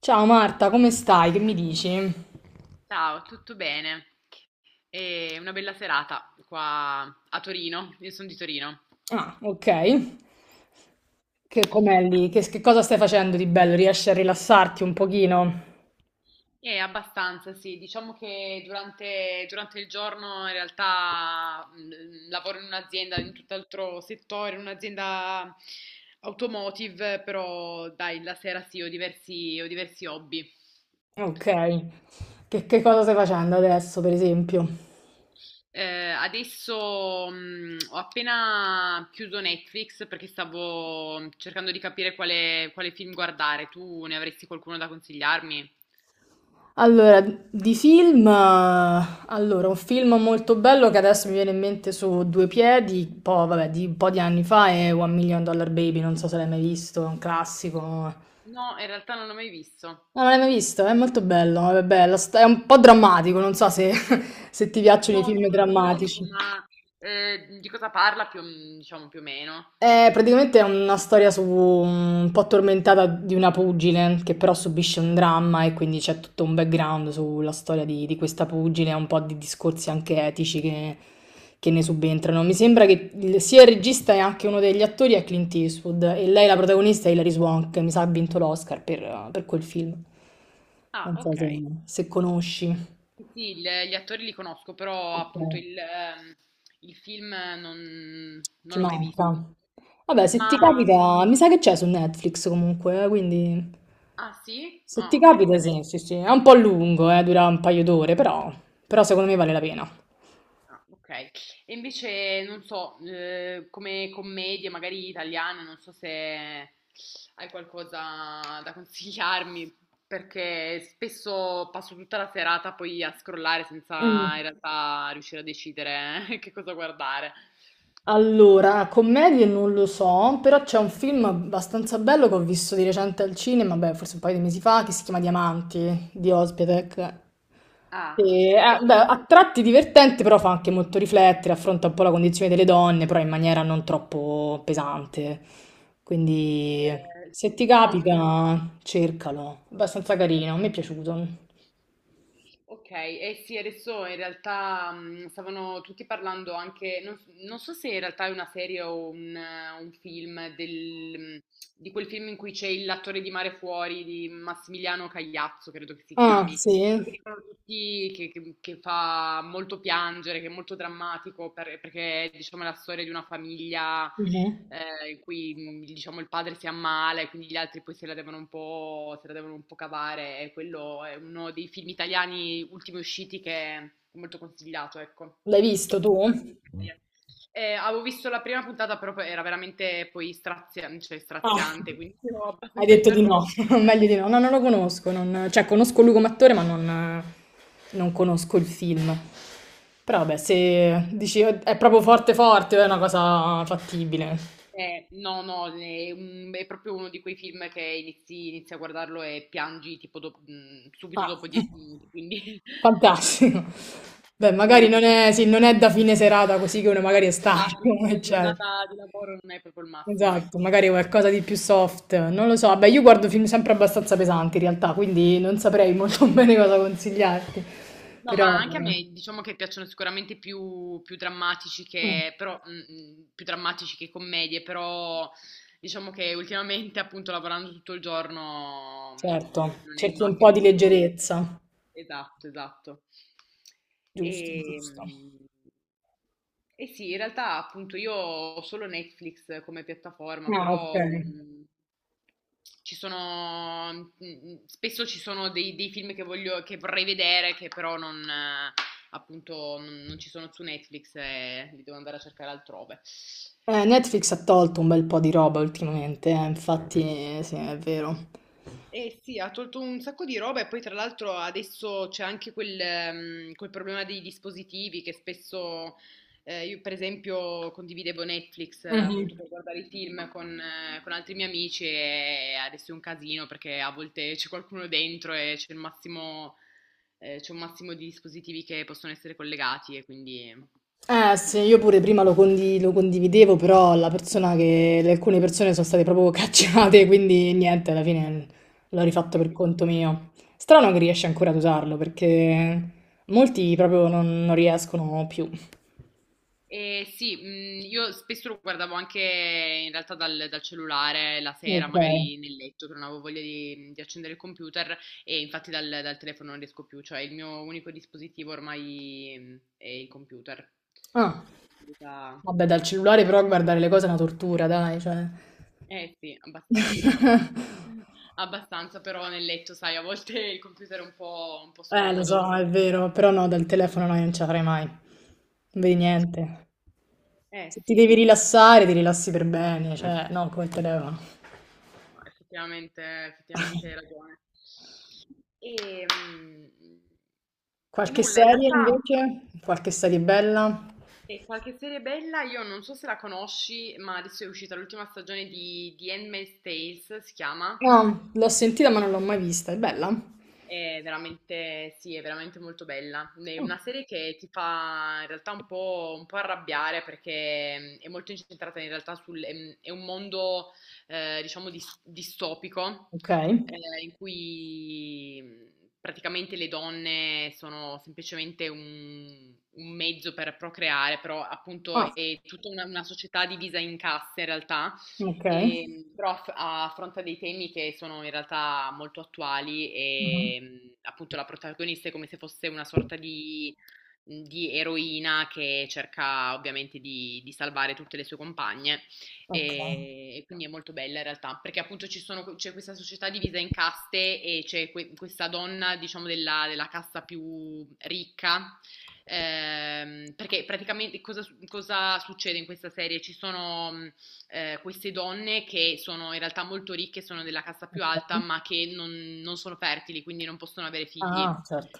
Ciao Marta, come stai? Che mi dici? Ciao, tutto bene? È una bella serata qua a Torino, io sono di Torino. Ah, ok. Che com'è lì? Che cosa stai facendo di bello? Riesci a rilassarti un pochino? E abbastanza, sì, diciamo che durante il giorno in realtà lavoro in un'azienda, in tutt'altro settore, in un'azienda automotive, però dai, la sera sì, ho diversi hobby. Ok. Che cosa stai facendo adesso, per esempio? Adesso, ho appena chiuso Netflix perché stavo cercando di capire quale film guardare. Tu ne avresti qualcuno da consigliarmi? Allora, di film, allora, un film molto bello che adesso mi viene in mente su due piedi, un po', vabbè, di un po' di anni fa è One Million Dollar Baby, non so se l'hai mai visto, è un classico. No, in realtà non l'ho mai visto. No, non l'hai mai visto? È molto bello, vabbè, è un po' drammatico, non so se se ti piacciono i No, no, film non lo conosco, drammatici. ma, di cosa parla più diciamo più o meno? È praticamente è una storia su, un po' tormentata di una pugile che però subisce un dramma e quindi c'è tutto un background sulla storia di, questa pugile, un po' di discorsi anche etici che ne subentrano. Mi sembra che sia il regista e anche uno degli attori è Clint Eastwood e lei la protagonista è Hilary Swank, mi sa ha vinto l'Oscar per, quel film. Ah, Non so se okay. se conosci. Sì, sì, il gli attori li conosco, però Ok, appunto il film non ti non l'ho mai visto. manca. Vabbè, se Ma ti mhmm, capita, mi sa che c'è su Netflix comunque, quindi ah sì? se Ah, ti okay, capita, bene. sì, sì, sì. È un po' lungo, dura un paio d'ore, però, però secondo me vale la pena. Ah, ok. E invece, non so, come commedie, magari italiane, non so se hai qualcosa da consigliarmi, perché spesso passo tutta la serata poi a scrollare Mm. senza in realtà riuscire a decidere che cosa guardare. Allora, commedie non lo so, però c'è un film abbastanza bello che ho visto di recente al cinema, beh, forse un paio di mesi fa, che si chiama Diamanti, di Özpetek. Ah, Sì, e beh, a sì, tratti divertente, però fa anche molto riflettere, affronta un po' la condizione delle donne, però in maniera non troppo pesante. Quindi eh, se ti no, capita, cercalo. Abbastanza carino, ok. mi è piaciuto. Ok, eh sì, adesso in realtà stavano tutti parlando anche, non, non so se in realtà è una serie o un film, di quel film in cui c'è l'attore di Mare Fuori di Massimiliano Cagliazzo, credo che si Ah, chiami, quello sì? che dicono tutti che fa molto piangere, che è molto drammatico perché è diciamo la storia di una famiglia Mhm. In cui diciamo il padre si ammala e quindi gli altri poi se la devono un po', se la devono un po' cavare. E quello è uno dei film italiani ultimi usciti che è molto consigliato, ecco. L'hai visto tu? Avevo visto la prima puntata, però poi era veramente poi cioè, Ah, straziante, quindi ero hai abbastanza detto di no, interrotta. meglio di no. No, non lo conosco, non- cioè conosco lui come attore, ma non, conosco il film. Però vabbè, se dici "Oh, è proprio forte forte", è una cosa fattibile. No, no, è proprio uno di quei film che inizi a guardarlo e piangi tipo subito Ah, dopo dieci minuti, quindi, fantastico. Beh, quindi magari no. non è, sì, non è da fine serata così che uno magari è Esatto, stanco, dopo una eccetera. giornata di lavoro non è proprio il massimo, Esatto, ecco. magari qualcosa di più soft, non lo so. Vabbè, io guardo film sempre abbastanza pesanti in realtà, quindi non saprei molto bene cosa consigliarti. No, Peròma anche a me diciamo che piacciono più drammatici mm, che, però, più drammatici che commedie, però diciamo che ultimamente appunto lavorando tutto il giorno certo, non è il cerchi un po' massimo di proprio. leggerezza. Esatto, esatto. E, Giusto, giusto. e sì, in realtà appunto io ho solo Netflix come piattaforma, Ah, ok. però mm, ci sono spesso ci sono dei film che vorrei vedere che però non appunto, non ci sono su Netflix e li devo andare a cercare altrove. Netflix ha tolto un bel po' di roba ultimamente, infatti, sì, è vero. Eh sì, ha tolto un sacco di roba e poi tra l'altro adesso c'è anche quel problema dei dispositivi che spesso io per esempio condividevo Netflix appunto Mhm. per guardare i film con altri miei amici e adesso è un casino perché a volte c'è qualcuno dentro c'è un massimo di dispositivi che possono essere collegati e quindi... Eh sì, io pure prima lo, lo condividevo, però la persona che... alcune persone sono state proprio cacciate, quindi niente, alla fine l'ho rifatto per conto mio. Strano che riesci ancora ad usarlo, perché molti proprio non riescono più. Sì, io spesso lo guardavo anche in realtà dal cellulare la sera, Ok. magari nel letto, che non avevo voglia di accendere il computer e infatti dal telefono non riesco più, cioè il mio unico dispositivo ormai è il computer. Ah, Possibilità- vabbè, dal cellulare però guardare le cose è una tortura, dai, cioè... Eh sì, abbastanza. Abbastanza, però nel letto, sai, a volte il computer è un po' lo scomodo. so, è vero, però no, dal telefono no, io non ce la farei mai. Non vedi niente. Se Eh ti sì, devi rilassare, ti rilassi per bene, cioè, non come il telefono. no, effettivamente hai ragione. E Qualche nulla, in serie realtà invece? Qualche serie bella? Qualche serie bella, io non so se la conosci, ma adesso è uscita l'ultima stagione di Handmaid's Tales, si chiama. No, l'ho sentita ma non l'ho mai vista. È bella? Mm. È veramente molto bella. È una serie che ti fa in realtà un po' arrabbiare perché è molto incentrata in realtà sul... è un mondo, diciamo, distopico, Ok. In cui praticamente le donne sono semplicemente un mezzo per procreare, però appunto Ah, è una società divisa in caste in realtà ok. e, però affronta dei temi che sono in realtà molto attuali Mhm. e appunto la protagonista è come se fosse una sorta di, di eroina che cerca ovviamente di salvare tutte le sue compagne Ok. E quindi è molto bella in realtà perché appunto c'è questa società divisa in caste e c'è questa donna diciamo della casta più ricca. Perché praticamente cosa succede in questa serie? Ci sono queste donne che sono in realtà molto ricche, sono della casta più alta, ma che non, non sono fertili, quindi non possono avere figli. Ah, certo.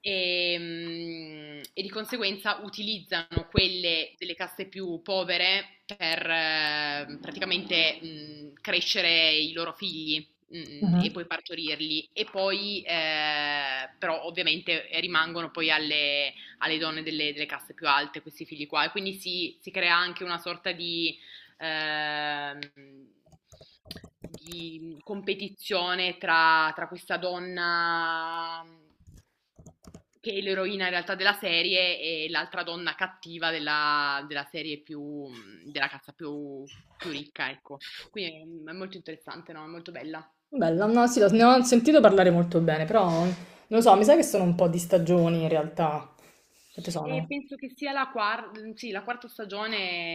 E, e di conseguenza utilizzano quelle delle caste più povere per praticamente crescere i loro figli e poi Mhm. partorirli e poi però ovviamente rimangono poi alle donne delle caste più alte questi figli qua e quindi si crea anche una sorta ehm, di competizione tra questa donna che è l'eroina in realtà della serie e l'altra donna cattiva della serie della cazza più ricca, ecco. Quindi è molto interessante, no? È molto bella. Bella, no, sì, ne ho sentito parlare molto bene, però non lo so, mi sa che sono un po' di stagioni in realtà. Quante E sono? penso che sia sì, la quarta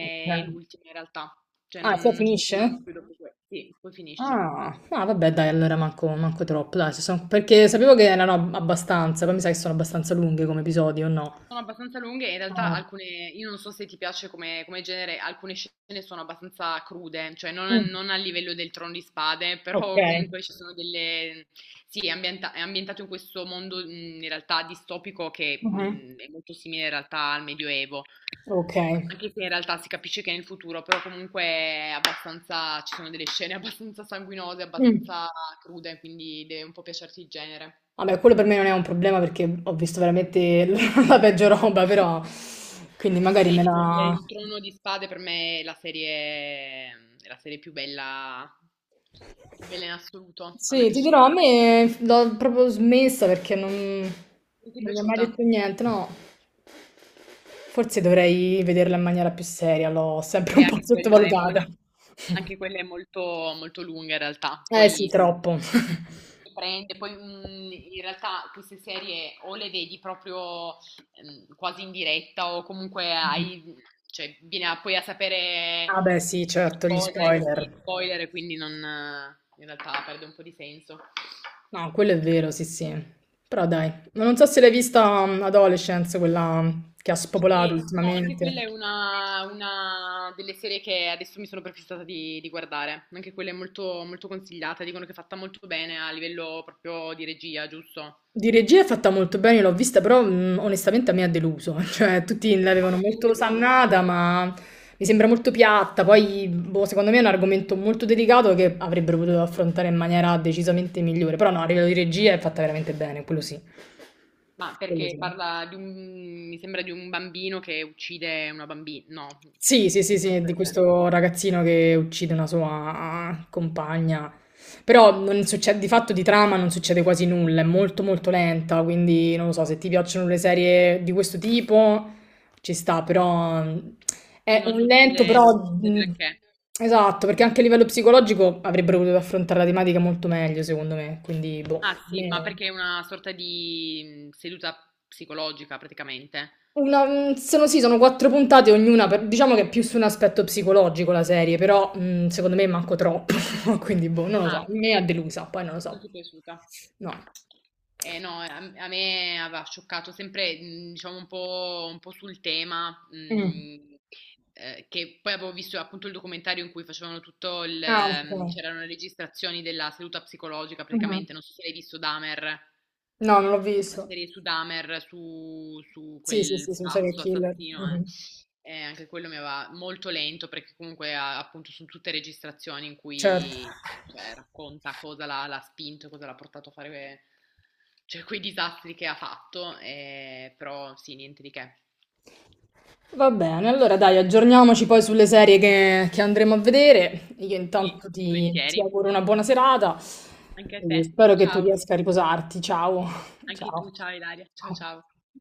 Ok. e l'ultima in realtà, cioè Ah, non, qua non ce ne finisce? saranno più dopo questo. Sì, poi finisce. Ah, ah, vabbè, dai, allora manco troppo, dai, se sono- perché sapevo che erano abbastanza, poi mi sa che sono abbastanza lunghe come episodi, o no? Sono abbastanza lunghe, in realtà Ah, alcune, io non so se ti piace come genere, alcune scene sono abbastanza crude, cioè non, a mm, non a livello del Trono di Spade, ok. però comunque ci sono delle... Sì, è ambientato in questo mondo in realtà distopico che Mhm, è molto simile in realtà al Medioevo, ok. anche se in realtà si capisce che è nel futuro, però comunque è abbastanza, ci sono delle scene abbastanza sanguinose, Mm. abbastanza crude, quindi deve un po' piacerti il genere. Vabbè, quello per me non è un problema perché ho visto veramente la peggio roba, però, quindi magari me Tipo la... il Trono di Spade per me è la serie più bella in assoluto. A me è Sì, ti piaciuta dirò, a veramente. me l'ho proprio smessa perché non, Non ti è non mi ha mai piaciuta? detto niente, no? Forse dovrei vederla in maniera più seria, l'ho sempre E un po' anche sottovalutata. Anche quella è molto, molto lunga in realtà. Eh sì, Poi troppo. ti prende, poi in realtà queste serie o le vedi proprio quasi in diretta o comunque hai, poi a sapere Ah beh, sì, certo, gli cose, anche spoiler. di spoiler, quindi non, in realtà perde un po' di senso. No, quello è vero, sì, sì. Però dai, non so se l'hai vista Adolescence, quella che ha spopolato E no, anche quella ultimamente. è una delle serie che adesso mi sono prefissata di guardare. Anche quella è molto, molto consigliata, dicono che è fatta molto bene a livello proprio di regia, giusto? A Di regia è fatta molto bene, l'ho vista, però onestamente a me ha deluso, cioè tutti l'avevano molto Capoluogo? osannata, ma mi sembra molto piatta, poi boh, secondo me è un argomento molto delicato che avrebbero potuto affrontare in maniera decisamente migliore, però no, a livello di regia è fatta veramente bene, quello sì, Ma quello sì. perché parla di un, mi sembra di un bambino che uccide una bambina, no, Sì, sì, sì, sì, cosa di del genere. questo ragazzino che uccide una sua compagna. Però non succede, di fatto di trama non succede quasi nulla, è molto molto lenta, quindi non lo so, se ti piacciono le serie di questo tipo ci sta, però Sì, è non un lento, succede, però non succede granché. esatto, perché anche a livello psicologico avrebbero potuto affrontare la tematica molto meglio, secondo me, quindi boh, Ah a sì, ma me... perché è una sorta di seduta psicologica praticamente. Una, sono sì, sono quattro puntate ognuna, diciamo che è più su un aspetto psicologico la serie, però secondo me manco troppo, quindi boh, non lo so, Ah. mi ha delusa, poi non lo Non so. ti è piaciuta? No. Eh no, a me aveva scioccato sempre, diciamo, un po' sul tema, Mm. Che poi avevo visto appunto il documentario in cui facevano tutto Ah, ok. C'erano le registrazioni della seduta psicologica Mhm. praticamente, non so se l'hai visto Dahmer, No, non l'ho la visto. serie su Dahmer, su Sì, sì, quel sì, sono serial pazzo killer. assassino, eh. Mhm. E anche quello mi aveva molto lento perché comunque appunto sono tutte registrazioni in Certo. cui cioè, racconta cosa l'ha spinto, cosa l'ha portato a fare cioè, quei disastri che ha fatto, però sì, niente di che. Va bene, allora dai, aggiorniamoci poi sulle serie che andremo a vedere. Io Sì, intanto ti, volentieri. auguro una buona serata Anche a e te. spero che tu Ciao. riesca a riposarti. Ciao. Anche Ciao. tu, ciao Ilaria. Ciao Ciao. ciao.